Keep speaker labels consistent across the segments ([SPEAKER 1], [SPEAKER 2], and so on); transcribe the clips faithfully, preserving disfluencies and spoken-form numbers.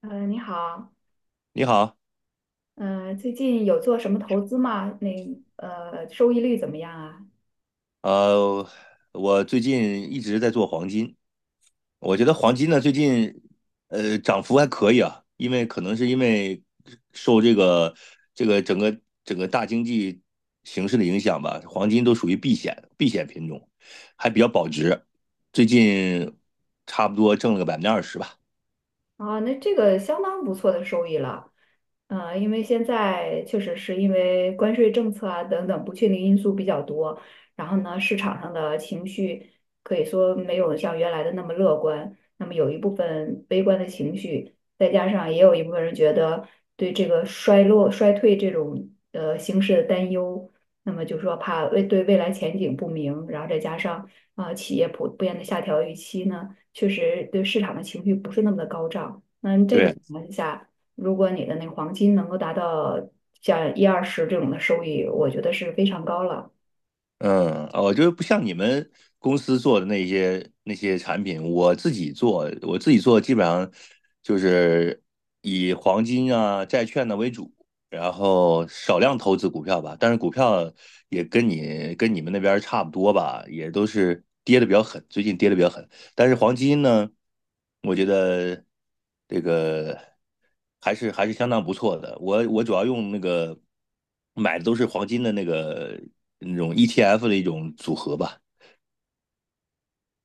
[SPEAKER 1] 嗯，你好，
[SPEAKER 2] 你好。
[SPEAKER 1] 嗯，最近有做什么投资吗？那呃，收益率怎么样啊？
[SPEAKER 2] 呃，我最近一直在做黄金。我觉得黄金呢最近呃涨幅还可以啊，因为可能是因为受这个这个整个整个大经济形势的影响吧。黄金都属于避险避险品种，还比较保值。最近差不多挣了个百分之二十吧。
[SPEAKER 1] 啊，那这个相当不错的收益了，呃，因为现在确实是因为关税政策啊等等不确定因素比较多，然后呢，市场上的情绪可以说没有像原来的那么乐观，那么有一部分悲观的情绪，再加上也有一部分人觉得对这个衰落、衰退这种呃形势的担忧，那么就说怕未对未来前景不明，然后再加上啊、呃企业普遍的下调预期呢。确实对市场的情绪不是那么的高涨。那这种
[SPEAKER 2] 对，
[SPEAKER 1] 情况下，如果你的那个黄金能够达到像一二十这种的收益，我觉得是非常高了。
[SPEAKER 2] 嗯，我觉得不像你们公司做的那些那些产品。我自己做，我自己做基本上就是以黄金啊、债券呢、为主，然后少量投资股票吧。但是股票也跟你跟你们那边儿差不多吧，也都是跌的比较狠，最近跌的比较狠。但是黄金呢，我觉得这个还是还是相当不错的。我我主要用那个买的都是黄金的那个那种 E T F 的一种组合吧。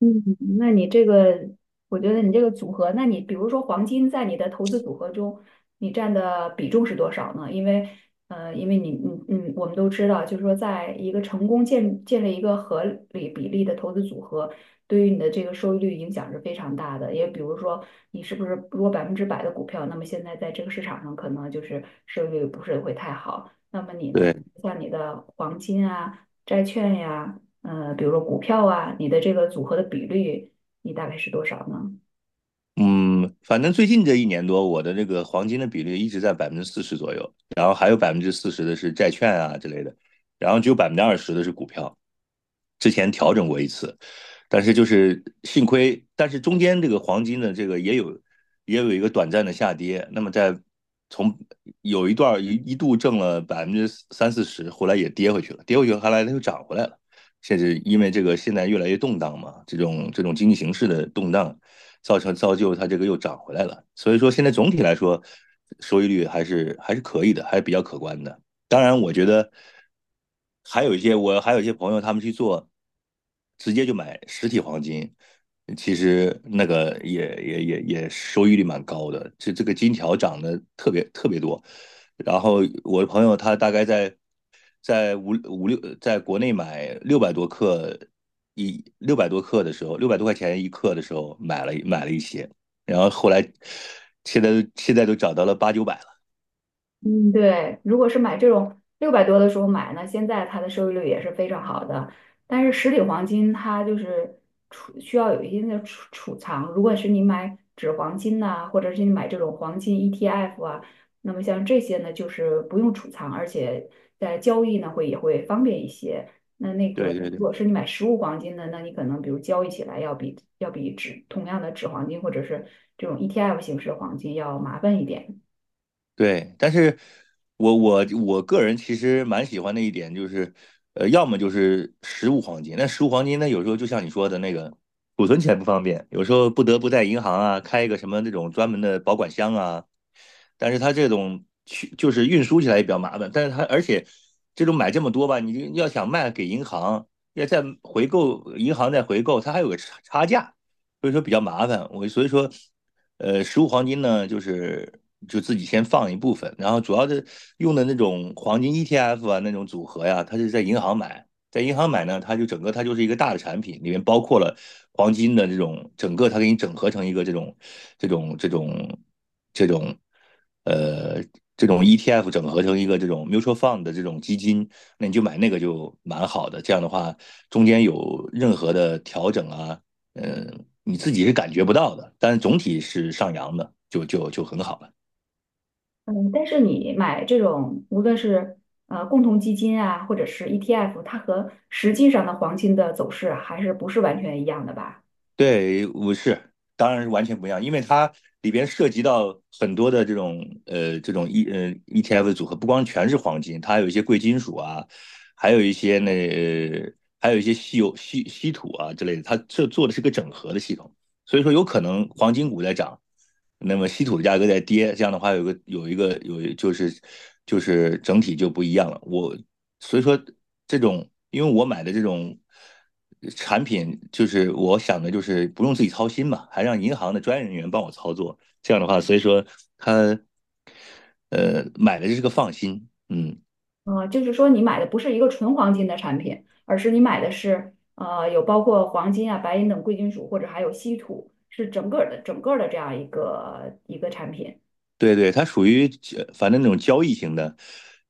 [SPEAKER 1] 嗯，那你这个，我觉得你这个组合，那你比如说黄金在你的投资组合中，你占的比重是多少呢？因为，呃，因为你，嗯嗯，我们都知道，就是说，在一个成功建建立一个合理比例的投资组合，对于你的这个收益率影响是非常大的。也比如说，你是不是如果百分之百的股票，那么现在在这个市场上可能就是收益率不是会太好。那么你呢，
[SPEAKER 2] 对，
[SPEAKER 1] 像你的黄金啊、债券呀。呃，比如说股票啊，你的这个组合的比率，你大概是多少呢？
[SPEAKER 2] 嗯，反正最近这一年多，我的这个黄金的比例一直在百分之四十左右，然后还有百分之四十的是债券啊之类的，然后只有百分之二十的是股票。之前调整过一次，但是就是幸亏，但是中间这个黄金的这个也有也有一个短暂的下跌，那么在从有一段儿一一度挣了百分之三四十，后来也跌回去了，跌回去后来它又涨回来了。甚至因为这个现在越来越动荡嘛，这种这种经济形势的动荡，造成造就它这个又涨回来了。所以说现在总体来说，收益率还是还是可以的，还是比较可观的。当然，我觉得还有一些我还有一些朋友他们去做，直接就买实体黄金，其实那个也也也也收益率蛮高的。这这个金条涨得特别特别多。然后我的朋友他大概在在五五六，在国内买六百多克一六百多克的时候，六百多块钱一克的时候买了买了一些，然后后来现在现在都涨到了八九百了。
[SPEAKER 1] 嗯对，如果是买这种六百多的时候买呢，现在它的收益率也是非常好的。但是实体黄金它就是储需要有一定的储储藏，如果是你买纸黄金呐、或者是你买这种黄金 E T F 啊，那么像这些呢，就是不用储藏，而且在交易呢会也会方便一些。那那
[SPEAKER 2] 对
[SPEAKER 1] 个
[SPEAKER 2] 对对。
[SPEAKER 1] 如果是你买实物黄金的，那你可能比如交易起来要比要比纸同样的纸黄金或者是这种 E T F 形式的黄金要麻烦一点。
[SPEAKER 2] 对，但是我我我个人其实蛮喜欢的一点就是，呃，要么就是实物黄金。那实物黄金呢，有时候就像你说的那个，储存起来不方便，有时候不得不在银行啊开一个什么那种专门的保管箱啊，但是它这种去就是运输起来也比较麻烦，但是它而且这种买这么多吧，你就要想卖给银行，要再回购，银行再回购，它还有个差差价，所以说比较麻烦。我所以说，呃，实物黄金呢，就是就自己先放一部分，然后主要的用的那种黄金 E T F 啊，那种组合呀，它是在银行买。在银行买呢，它就整个它就是一个大的产品，里面包括了黄金的这种整个，它给你整合成一个这种这种这种这种呃。这种 E T F 整合成一个这种 mutual fund 的这种基金，那你就买那个就蛮好的。这样的话，中间有任何的调整啊，嗯，你自己是感觉不到的，但是总体是上扬的，就就就很好了。
[SPEAKER 1] 嗯，但是你买这种，无论是呃共同基金啊，或者是 E T F，它和实际上的黄金的走势啊还是不是完全一样的吧？
[SPEAKER 2] 对，我是，当然是完全不一样，因为它里边涉及到很多的这种呃这种 E 呃 E T F 的组合，不光全是黄金，它还有一些贵金属啊，还有一些那、呃还有一些稀有稀稀土啊之类的，它这做的是个整合的系统。所以说有可能黄金股在涨，那么稀土的价格在跌，这样的话有个有一个有就是就是整体就不一样了。我所以说这种，因为我买的这种产品，就是我想的就是不用自己操心嘛，还让银行的专业人员帮我操作，这样的话，所以说他呃买的就是个放心，嗯。
[SPEAKER 1] 呃，就是说你买的不是一个纯黄金的产品，而是你买的是呃有包括黄金啊、白银等贵金属，或者还有稀土，是整个儿的整个儿的这样一个一个产品。
[SPEAKER 2] 对对，它属于呃反正那种交易型的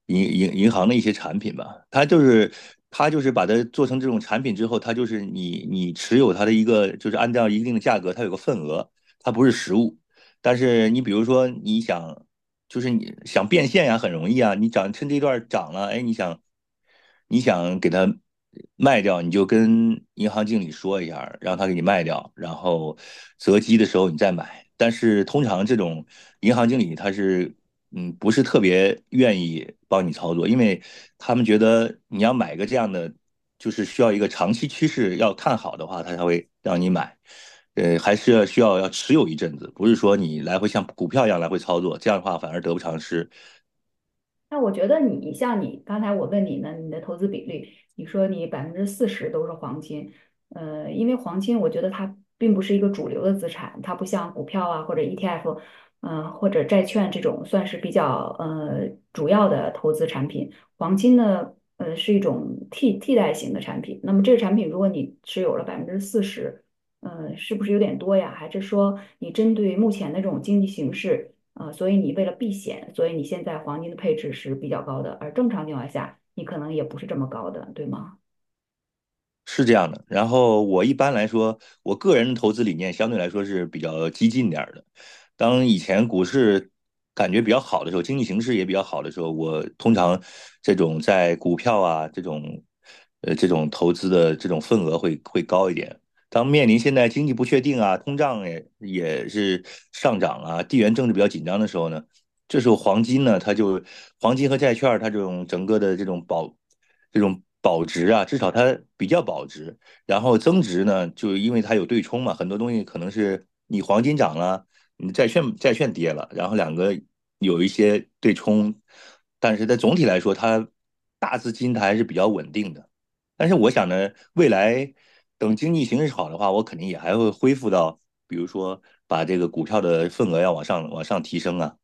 [SPEAKER 2] 银银银行的一些产品吧，它就是它就是把它做成这种产品之后，它就是你你持有它的一个就是按照一定的价格，它有个份额，它不是实物。但是你比如说你想就是你想变现呀，很容易啊。你涨趁这段涨了，哎，你想你想给它卖掉，你就跟银行经理说一下，让他给你卖掉，然后择机的时候你再买。但是通常这种银行经理他是嗯不是特别愿意帮你操作，因为他们觉得你要买个这样的，就是需要一个长期趋势要看好的话，他才会让你买。呃，还是要需要要持有一阵子，不是说你来回像股票一样来回操作，这样的话反而得不偿失。
[SPEAKER 1] 那我觉得你像你刚才我问你呢，你的投资比率，你说你百分之四十都是黄金，呃，因为黄金我觉得它并不是一个主流的资产，它不像股票啊或者 E T F，嗯，呃或者债券这种算是比较呃主要的投资产品。黄金呢，呃是一种替替代型的产品。那么这个产品如果你持有了百分之四十，呃，是不是有点多呀？还是说你针对目前的这种经济形势？啊，呃所以你为了避险，所以你现在黄金的配置是比较高的，而正常情况下，你可能也不是这么高的，对吗？
[SPEAKER 2] 是这样的。然后我一般来说，我个人的投资理念相对来说是比较激进点儿的。当以前股市感觉比较好的时候，经济形势也比较好的时候，我通常这种在股票啊这种呃这种投资的这种份额会会高一点。当面临现在经济不确定啊，通胀也也是上涨啊，地缘政治比较紧张的时候呢，这时候黄金呢，它就黄金和债券它这种整个的这种保这种保值啊，至少它比较保值。然后增值呢，就因为它有对冲嘛，很多东西可能是你黄金涨了，你债券债券跌了，然后两个有一些对冲。但是在总体来说，它大资金它还是比较稳定的。但是我想呢，未来等经济形势好的话，我肯定也还会恢复到，比如说把这个股票的份额要往上往上提升啊。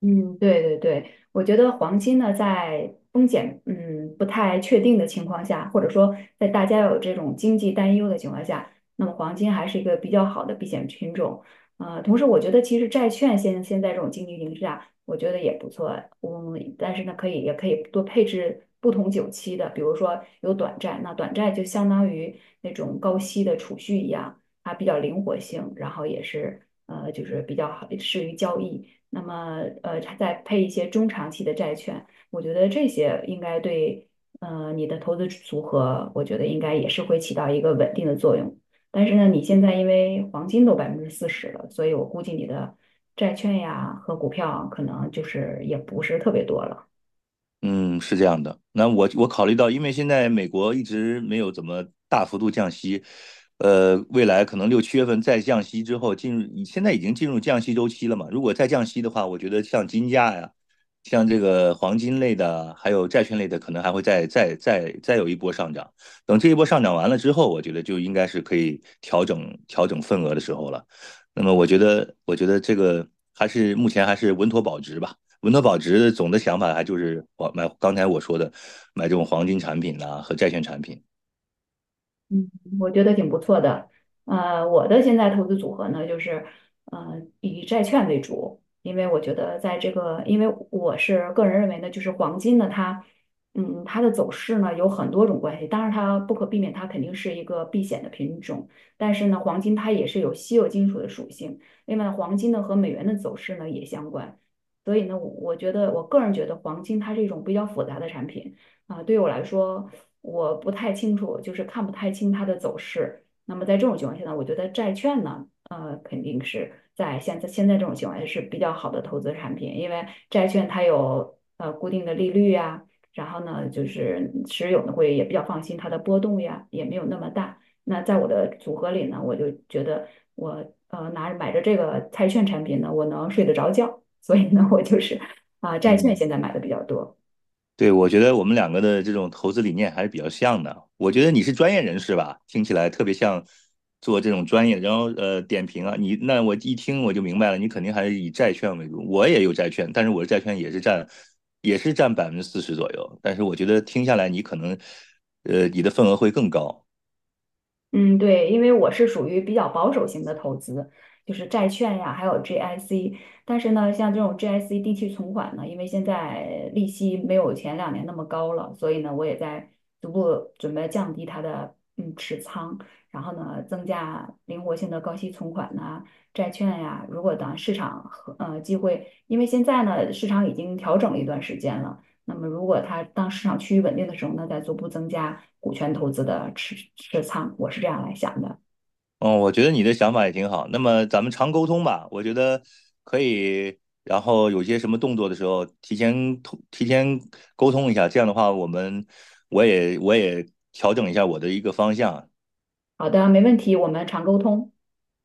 [SPEAKER 1] 嗯，对对对，我觉得黄金呢，在风险嗯不太确定的情况下，或者说在大家有这种经济担忧的情况下，那么黄金还是一个比较好的避险品种。呃，同时我觉得其实债券现现在这种经济形势下，我觉得也不错。嗯，但是呢，可以也可以多配置不同久期的，比如说有短债，那短债就相当于那种高息的储蓄一样，它比较灵活性，然后也是呃就是比较好适于交易。那么呃再配一些中长期的债券，我觉得这些应该对呃你的投资组合，我觉得应该也是会起到一个稳定的作用。但是呢，你现在因为黄金都百分之四十了，所以我估计你的债券呀和股票可能就是也不是特别多了。
[SPEAKER 2] 嗯，是这样的。那我我考虑到，因为现在美国一直没有怎么大幅度降息，呃，未来可能六七月份再降息之后，进入现在已经进入降息周期了嘛。如果再降息的话，我觉得像金价呀，像这个黄金类的，还有债券类的，可能还会再再再再有一波上涨。等这一波上涨完了之后，我觉得就应该是可以调整调整份额的时候了。那么我觉得，我觉得这个还是目前还是稳妥保值吧。文德保值总的想法还就是我买刚才我说的买这种黄金产品呐、和债券产品。
[SPEAKER 1] 嗯，我觉得挺不错的。呃，我的现在投资组合呢，就是呃以债券为主，因为我觉得在这个，因为我是个人认为呢，就是黄金呢，它嗯它的走势呢有很多种关系，当然它不可避免，它肯定是一个避险的品种，但是呢，黄金它也是有稀有金属的属性，另外黄金呢和美元的走势呢也相关，所以呢，我我觉得我个人觉得黄金它是一种比较复杂的产品啊，对我来说。我不太清楚，就是看不太清它的走势。那么在这种情况下呢，我觉得债券呢，呃，肯定是在现在现在这种情况下是比较好的投资产品，因为债券它有呃固定的利率呀，然后呢，就是持有呢会也比较放心，它的波动呀也没有那么大。那在我的组合里呢，我就觉得我呃拿着买着这个债券产品呢，我能睡得着觉，所以呢，我就是啊、债券
[SPEAKER 2] 嗯，
[SPEAKER 1] 现在买的比较多。
[SPEAKER 2] 对，我觉得我们两个的这种投资理念还是比较像的。我觉得你是专业人士吧，听起来特别像做这种专业，然后呃点评啊，你那我一听我就明白了，你肯定还是以债券为主。我也有债券，但是我的债券也是占也是占百分之四十左右，但是我觉得听下来你可能呃你的份额会更高。
[SPEAKER 1] 嗯，对，因为我是属于比较保守型的投资，就是债券呀，还有 G I C。但是呢，像这种 G I C 定期存款呢，因为现在利息没有前两年那么高了，所以呢，我也在逐步准备降低它的嗯持仓，然后呢，增加灵活性的高息存款呐、债券呀。如果当市场和呃机会，因为现在呢，市场已经调整了一段时间了。那么，如果它当市场趋于稳定的时候呢，再逐步增加股权投资的持持仓，我是这样来想的。
[SPEAKER 2] 嗯，我觉得你的想法也挺好。那么咱们常沟通吧。我觉得可以。然后有些什么动作的时候，提前通提前沟通一下，这样的话，我们我也我也调整一下我的一个方向。
[SPEAKER 1] 好的，没问题，我们常沟通，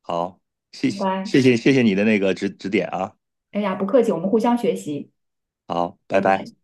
[SPEAKER 2] 好，谢
[SPEAKER 1] 拜
[SPEAKER 2] 谢
[SPEAKER 1] 拜。
[SPEAKER 2] 谢谢谢谢你的那个指指点啊。
[SPEAKER 1] 哎呀，不客气，我们互相学习，
[SPEAKER 2] 好，
[SPEAKER 1] 再
[SPEAKER 2] 拜拜。
[SPEAKER 1] 见。